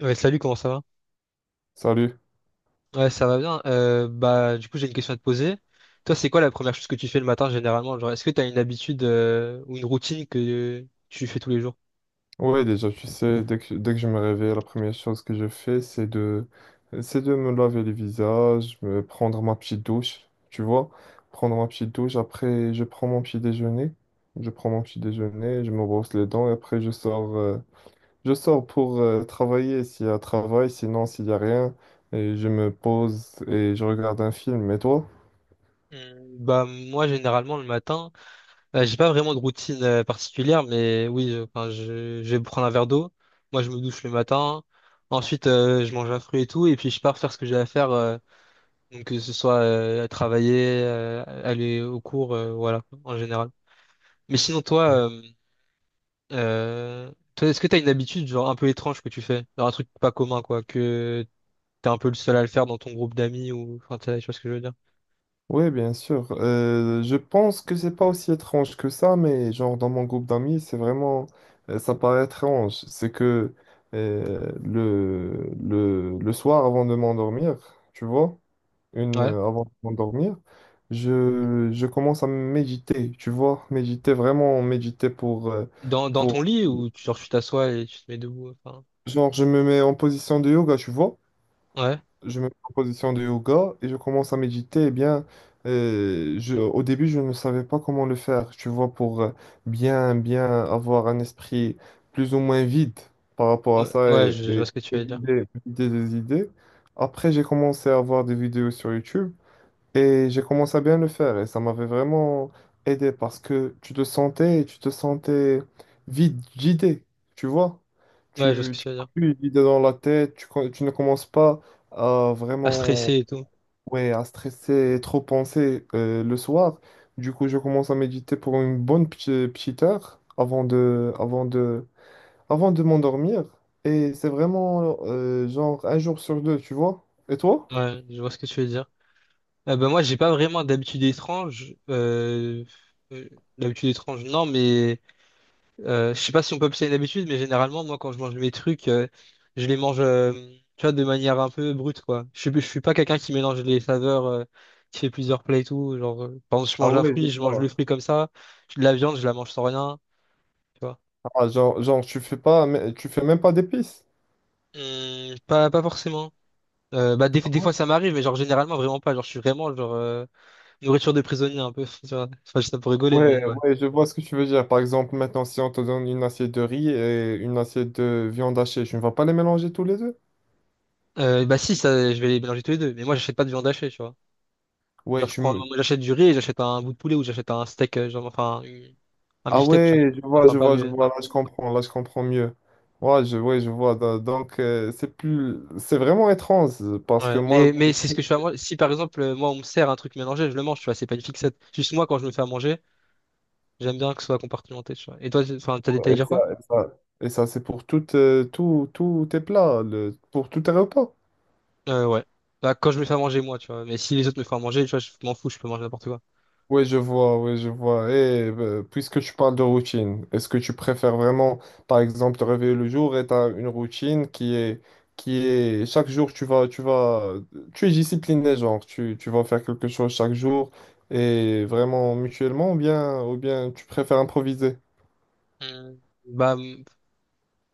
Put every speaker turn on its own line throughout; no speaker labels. Ouais, salut, comment ça va?
Salut.
Ouais, ça va bien. Du coup, j'ai une question à te poser. Toi, c'est quoi la première chose que tu fais le matin généralement? Genre, est-ce que tu as une habitude ou une routine que tu fais tous les jours?
Ouais, déjà, tu sais, dès que je me réveille, la première chose que je fais, c'est de me laver le visage, me prendre ma petite douche, tu vois. Prendre ma petite douche, après, je prends mon petit déjeuner. Je prends mon petit déjeuner, je me brosse les dents et après, je sors pour travailler s'il y a travail, sinon, s'il y a rien, et je me pose et je regarde un film. Et toi?
Bah, moi, généralement, le matin, j'ai pas vraiment de routine particulière, mais oui, enfin, je vais prendre un verre d'eau. Moi, je me douche le matin. Ensuite, je mange un fruit et tout, et puis je pars faire ce que j'ai à faire. Donc, que ce soit à travailler, aller au cours, voilà, en général. Mais sinon, toi, est-ce que t'as une habitude, genre, un peu étrange que tu fais? Genre, un truc pas commun, quoi, que t'es un peu le seul à le faire dans ton groupe d'amis ou, enfin, tu sais tu vois ce que je veux dire?
Oui, bien sûr. Je pense que c'est pas aussi étrange que ça, mais genre dans mon groupe d'amis, ça paraît étrange. C'est que euh, le, le soir avant de m'endormir, tu vois,
Ouais.
avant de m'endormir, je commence à méditer, tu vois, méditer, vraiment méditer
Dans ton
pour,
lit ou, genre, tu t'assois et tu te mets debout, enfin.
genre je me mets en position de yoga, tu vois.
Ouais.
Je me mets en position de yoga et je commence à méditer, eh bien, au début, je ne savais pas comment le faire, tu vois, pour bien, bien avoir un esprit plus ou moins vide par rapport à
Ouais,
ça
ouais,
et,
je
et
vois ce que tu veux dire.
me vider des idées. Après, j'ai commencé à voir des vidéos sur YouTube et j'ai commencé à bien le faire et ça m'avait vraiment aidé parce que tu te sentais vide, vidé, tu vois.
Ouais, je vois ce que
Tu
tu veux dire.
n'as plus d'idées dans la tête, tu ne commences pas à
À
vraiment,
stresser et tout.
ouais, à stresser et trop penser le soir. Du coup, je commence à méditer pour une bonne petite heure avant de m'endormir. Et c'est vraiment genre un jour sur deux, tu vois. Et toi?
Ouais, je vois ce que tu veux dire. Ben, moi, j'ai pas vraiment euh, d'habitude étrange, non, mais, je sais pas si on peut appeler ça une habitude, mais généralement, moi, quand je mange mes trucs, je les mange, tu vois, de manière un peu brute, quoi. Je suis pas quelqu'un qui mélange les saveurs, qui fait plusieurs plats et tout. Genre, par exemple, je
Ah
mange un
ouais, je
fruit, je mange le
vois.
fruit comme ça. De la viande, je la mange sans rien, tu vois.
Ah, tu fais pas, mais tu fais même pas d'épices.
Pas forcément. Des
Ouais,
fois, ça m'arrive, mais genre, généralement, vraiment pas. Genre, je suis vraiment, nourriture de prisonnier, un peu, tu vois. Enfin, je dis ça pour rigoler,
ouais,
mais ouais.
ouais, je vois ce que tu veux dire. Par exemple, maintenant, si on te donne une assiette de riz et une assiette de viande hachée, tu ne vas pas les mélanger tous les deux?
Si, ça, je vais les mélanger tous les deux. Mais moi, j'achète pas de viande hachée, tu vois.
Ouais, tu me...
J'achète du riz et j'achète un bout de poulet ou j'achète un steak, genre, enfin, un
Ah
beefsteak, tu vois.
ouais, je vois,
Enfin,
je
pas
vois, je
le. Ouais.
vois, là je comprends mieux. Ouais, ouais, je vois. Donc, c'est plus... C'est vraiment étrange parce que
Ouais.
moi,
Mais c'est ce que je fais à manger. Si par exemple, moi, on me sert un truc mélangé, je le mange, tu vois, c'est pas une fixette. Juste moi, quand je me fais à manger, j'aime bien que ce soit compartimenté, tu vois. Et toi, enfin, t'as détaillé
et
dire
ça,
quoi?
c'est pour toutes, tous tes plats, pour tous tes repas.
Ouais. Bah, quand je me fais à manger, moi, tu vois. Mais si les autres me font à manger, tu vois, je m'en fous, je peux manger n'importe quoi.
Oui, je vois, oui, je vois. Et puisque tu parles de routine, est-ce que tu préfères vraiment, par exemple, te réveiller le jour et tu as une routine chaque jour, tu es discipliné, genre, tu vas faire quelque chose chaque jour et vraiment mutuellement, ou bien tu préfères improviser?
Hmm. Bah,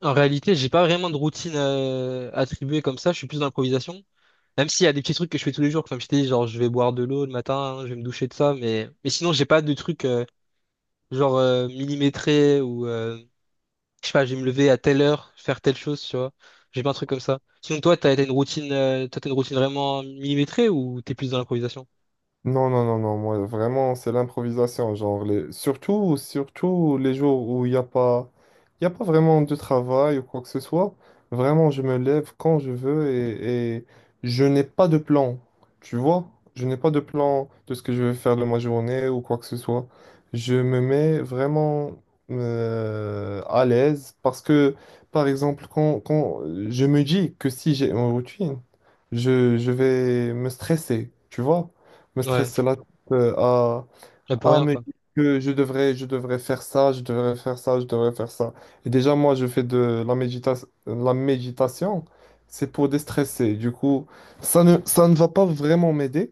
En réalité, j'ai pas vraiment de routine attribuée comme ça, je suis plus dans l'improvisation. Même s'il y a des petits trucs que je fais tous les jours, comme je t'ai dit, genre je vais boire de l'eau le matin, je vais me doucher de ça, mais sinon j'ai pas de trucs millimétrés ou je sais pas, je vais me lever à telle heure, faire telle chose, tu vois. J'ai pas un truc comme ça. Sinon toi, t'as une routine, toi t'as une routine vraiment millimétrée ou t'es plus dans l'improvisation?
Non, non, non, non, moi vraiment c'est l'improvisation, genre les... surtout, surtout les jours où il y a pas vraiment de travail ou quoi que ce soit, vraiment je me lève quand je veux et je n'ai pas de plan, tu vois, je n'ai pas de plan de ce que je vais faire de ma journée ou quoi que ce soit, je me mets vraiment à l'aise parce que, par exemple, quand je me dis que si j'ai une routine, je vais me stresser, tu vois mais
Ouais,
stressé là à
là pour
ah,
rien
mais
quoi.
que je devrais, je devrais faire ça. Et déjà, moi, je fais de la la méditation, c'est pour déstresser. Du coup, ça ne va pas vraiment m'aider.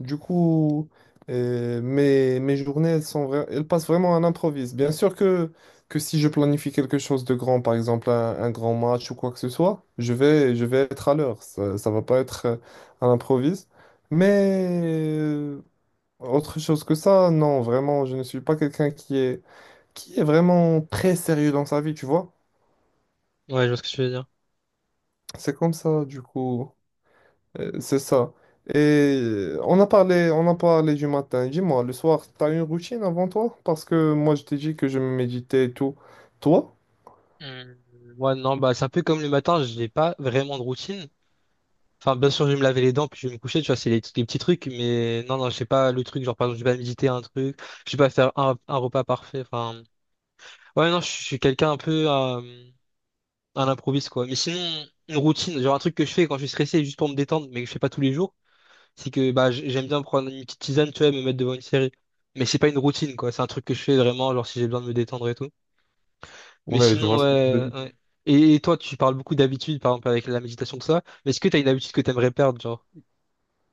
Du coup, mes journées, elles passent vraiment à l'improviste. Bien sûr que si je planifie quelque chose de grand, par exemple un grand match ou quoi que ce soit, je vais être à l'heure. Ça va pas être à l'improviste. Mais autre chose que ça, non, vraiment, je ne suis pas quelqu'un qui est vraiment très sérieux dans sa vie, tu vois.
Ouais, je vois ce que tu veux dire.
C'est comme ça, du coup, c'est ça. Et on a parlé du matin. Dis-moi, le soir, t'as une routine avant toi? Parce que moi, je t'ai dit que je méditais et tout. Toi?
Hum, Moi non, bah c'est un peu comme le matin, j'ai pas vraiment de routine. Enfin, bien sûr, je vais me laver les dents, puis je vais me coucher, tu vois, c'est les petits trucs, mais non, non, je sais pas le truc, genre, par exemple, je vais pas méditer un truc, je vais pas faire un repas parfait, enfin... Ouais, non, je suis quelqu'un un peu à l'improviste, quoi. Mais sinon, une routine, genre un truc que je fais quand je suis stressé, juste pour me détendre, mais que je fais pas tous les jours, c'est que, bah, j'aime bien prendre une petite tisane, tu vois, et me mettre devant une série. Mais c'est pas une routine, quoi, c'est un truc que je fais vraiment, genre, si j'ai besoin de me détendre et tout. Mais
Ouais, je
sinon,
vois ce que tu veux
ouais,
dire.
ouais. Et toi, tu parles beaucoup d'habitudes, par exemple, avec la méditation, tout ça, mais est-ce que t'as une habitude que t'aimerais perdre, genre?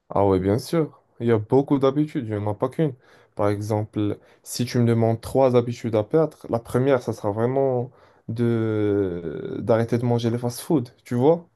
Ah ouais, bien sûr. Il y a beaucoup d'habitudes, il n'y en a pas qu'une. Par exemple, si tu me demandes trois habitudes à perdre, la première, ça sera vraiment de d'arrêter de manger les fast-food, tu vois?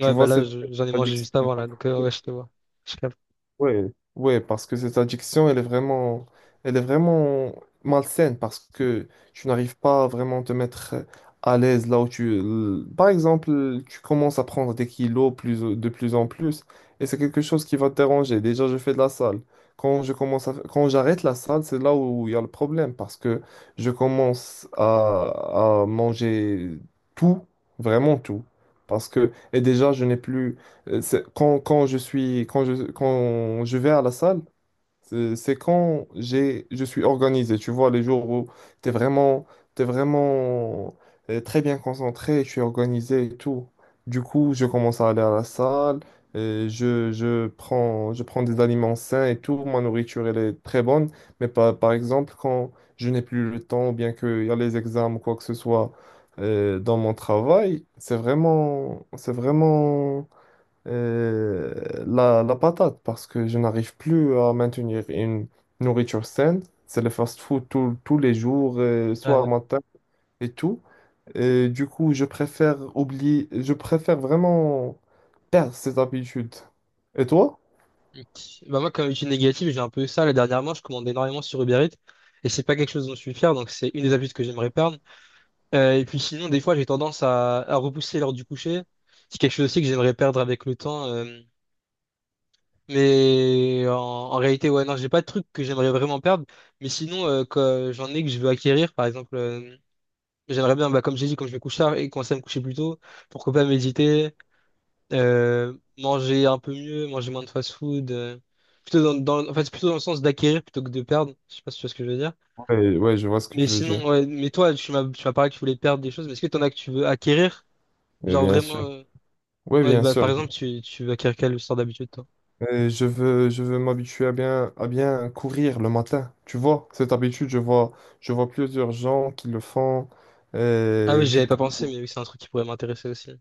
Tu vois,
bah là,
cette
j'en ai mangé
addiction.
juste avant, là, donc ouais, je te vois. Je capte.
Ouais, ouais, parce que cette addiction, elle est vraiment malsaine parce que tu n'arrives pas à vraiment te mettre à l'aise là où tu. Par exemple, tu commences à prendre des kilos plus, de plus en plus et c'est quelque chose qui va te déranger. Déjà, je fais de la salle. Quand je commence à... Quand j'arrête la salle, c'est là où il y a le problème parce que je commence à manger tout, vraiment tout. Parce que, et déjà, je n'ai plus. C'est- Quand, quand je suis, quand je, Quand je vais à la salle, c'est quand j'ai, je suis organisé. Tu vois, les jours où tu es vraiment, t'es vraiment très bien concentré, je suis organisé et tout. Du coup, je commence à aller à la salle, je prends des aliments sains et tout. Ma nourriture, elle est très bonne. Mais par exemple, quand je n'ai plus le temps, ou bien qu'il y a les examens ou quoi que ce soit dans mon travail, c'est vraiment euh, la patate parce que je n'arrive plus à maintenir une nourriture saine. C'est le fast-food tous les jours, soir,
Ouais.
matin et tout. Et du coup, je préfère oublier, je préfère vraiment perdre cette habitude. Et toi?
Ok. Bah moi, comme étude négative, j'ai un peu eu ça. Là, dernièrement, je commande énormément sur Uber Eats, et c'est pas quelque chose dont je suis fier, donc c'est une des habitudes que j'aimerais perdre. Et puis sinon, des fois, j'ai tendance à repousser l'heure du coucher. C'est quelque chose aussi que j'aimerais perdre avec le temps. Mais en réalité, ouais, non, j'ai pas de truc que j'aimerais vraiment perdre. Mais sinon, que j'en ai que je veux acquérir, par exemple, j'aimerais bien, bah, comme j'ai dit, quand je vais coucher tard et commencer à me coucher plus tôt, pourquoi pas méditer, manger un peu mieux, manger moins de fast-food. Plutôt dans, en fait, c'est plutôt dans le sens d'acquérir plutôt que de perdre. Je sais pas si tu vois ce que je veux dire.
Ouais, ouais, je vois ce que
Mais
tu veux dire.
sinon, ouais, mais toi, tu m'as parlé que tu voulais perdre des choses, mais est-ce que t'en as que tu veux acquérir?
Mais
Genre
bien
vraiment,
sûr. Oui,
ouais,
bien
bah, par
sûr.
exemple, tu veux acquérir quelle sorte d'habitude, toi?
Et je veux m'habituer à bien courir le matin. Tu vois, cette habitude, je vois plusieurs gens qui le font.
Ah
Et
oui,
du
j'avais pas
coup,
pensé, mais oui, c'est un truc qui pourrait m'intéresser aussi.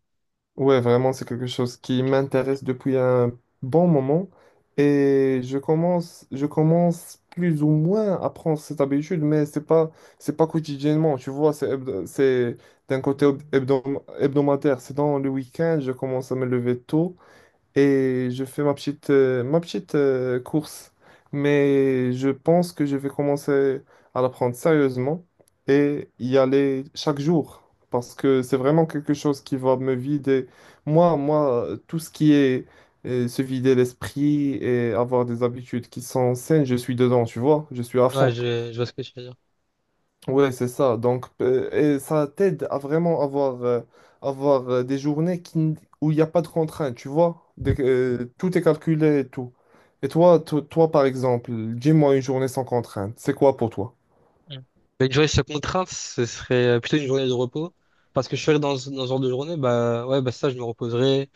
ouais, vraiment, c'est quelque chose qui m'intéresse depuis un bon moment et je commence plus ou moins à prendre cette habitude, mais c'est pas quotidiennement, tu vois, c'est d'un côté hebdomadaire, c'est dans le week-end, je commence à me lever tôt et je fais ma petite, course. Mais je pense que je vais commencer à la prendre sérieusement et y aller chaque jour parce que c'est vraiment quelque chose qui va me vider. Tout ce qui est se vider l'esprit et avoir des habitudes qui sont saines, je suis dedans, tu vois, je suis à
Ouais,
fond.
je vois ce que tu veux dire.
Ouais, c'est ça. Donc, ça t'aide à vraiment avoir, des journées où il n'y a pas de contraintes, tu vois? Tout est calculé et tout. Et toi, toi, par exemple, dis-moi une journée sans contrainte. C'est quoi pour toi?
Mm. Une journée sans contrainte, ce serait plutôt une journée de repos. Parce que je serais dans ce genre de journée, bah ouais, bah ça, je me reposerai.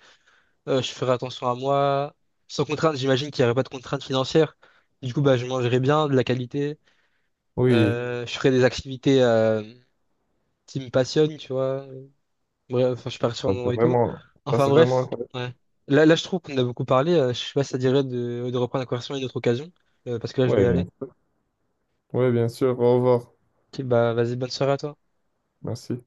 Je ferai attention à moi. Sans contrainte, j'imagine qu'il n'y aurait pas de contrainte financière. Du coup, bah, je mangerai bien, de la qualité.
Oui,
Je ferai des activités qui me passionnent, tu vois. Bref, enfin, je pars sur un
ça, c'est
moment et tout.
vraiment, ça,
Enfin
c'est vraiment...
bref,
incroyable.
ouais. Là, je trouve qu'on a beaucoup parlé. Je sais pas si ça dirait de reprendre la conversation à une autre occasion. Parce que là, je dois
Ouais
y aller.
bien- ouais bien sûr. Au revoir.
Ok, bah, vas-y, bonne soirée à toi.
Merci.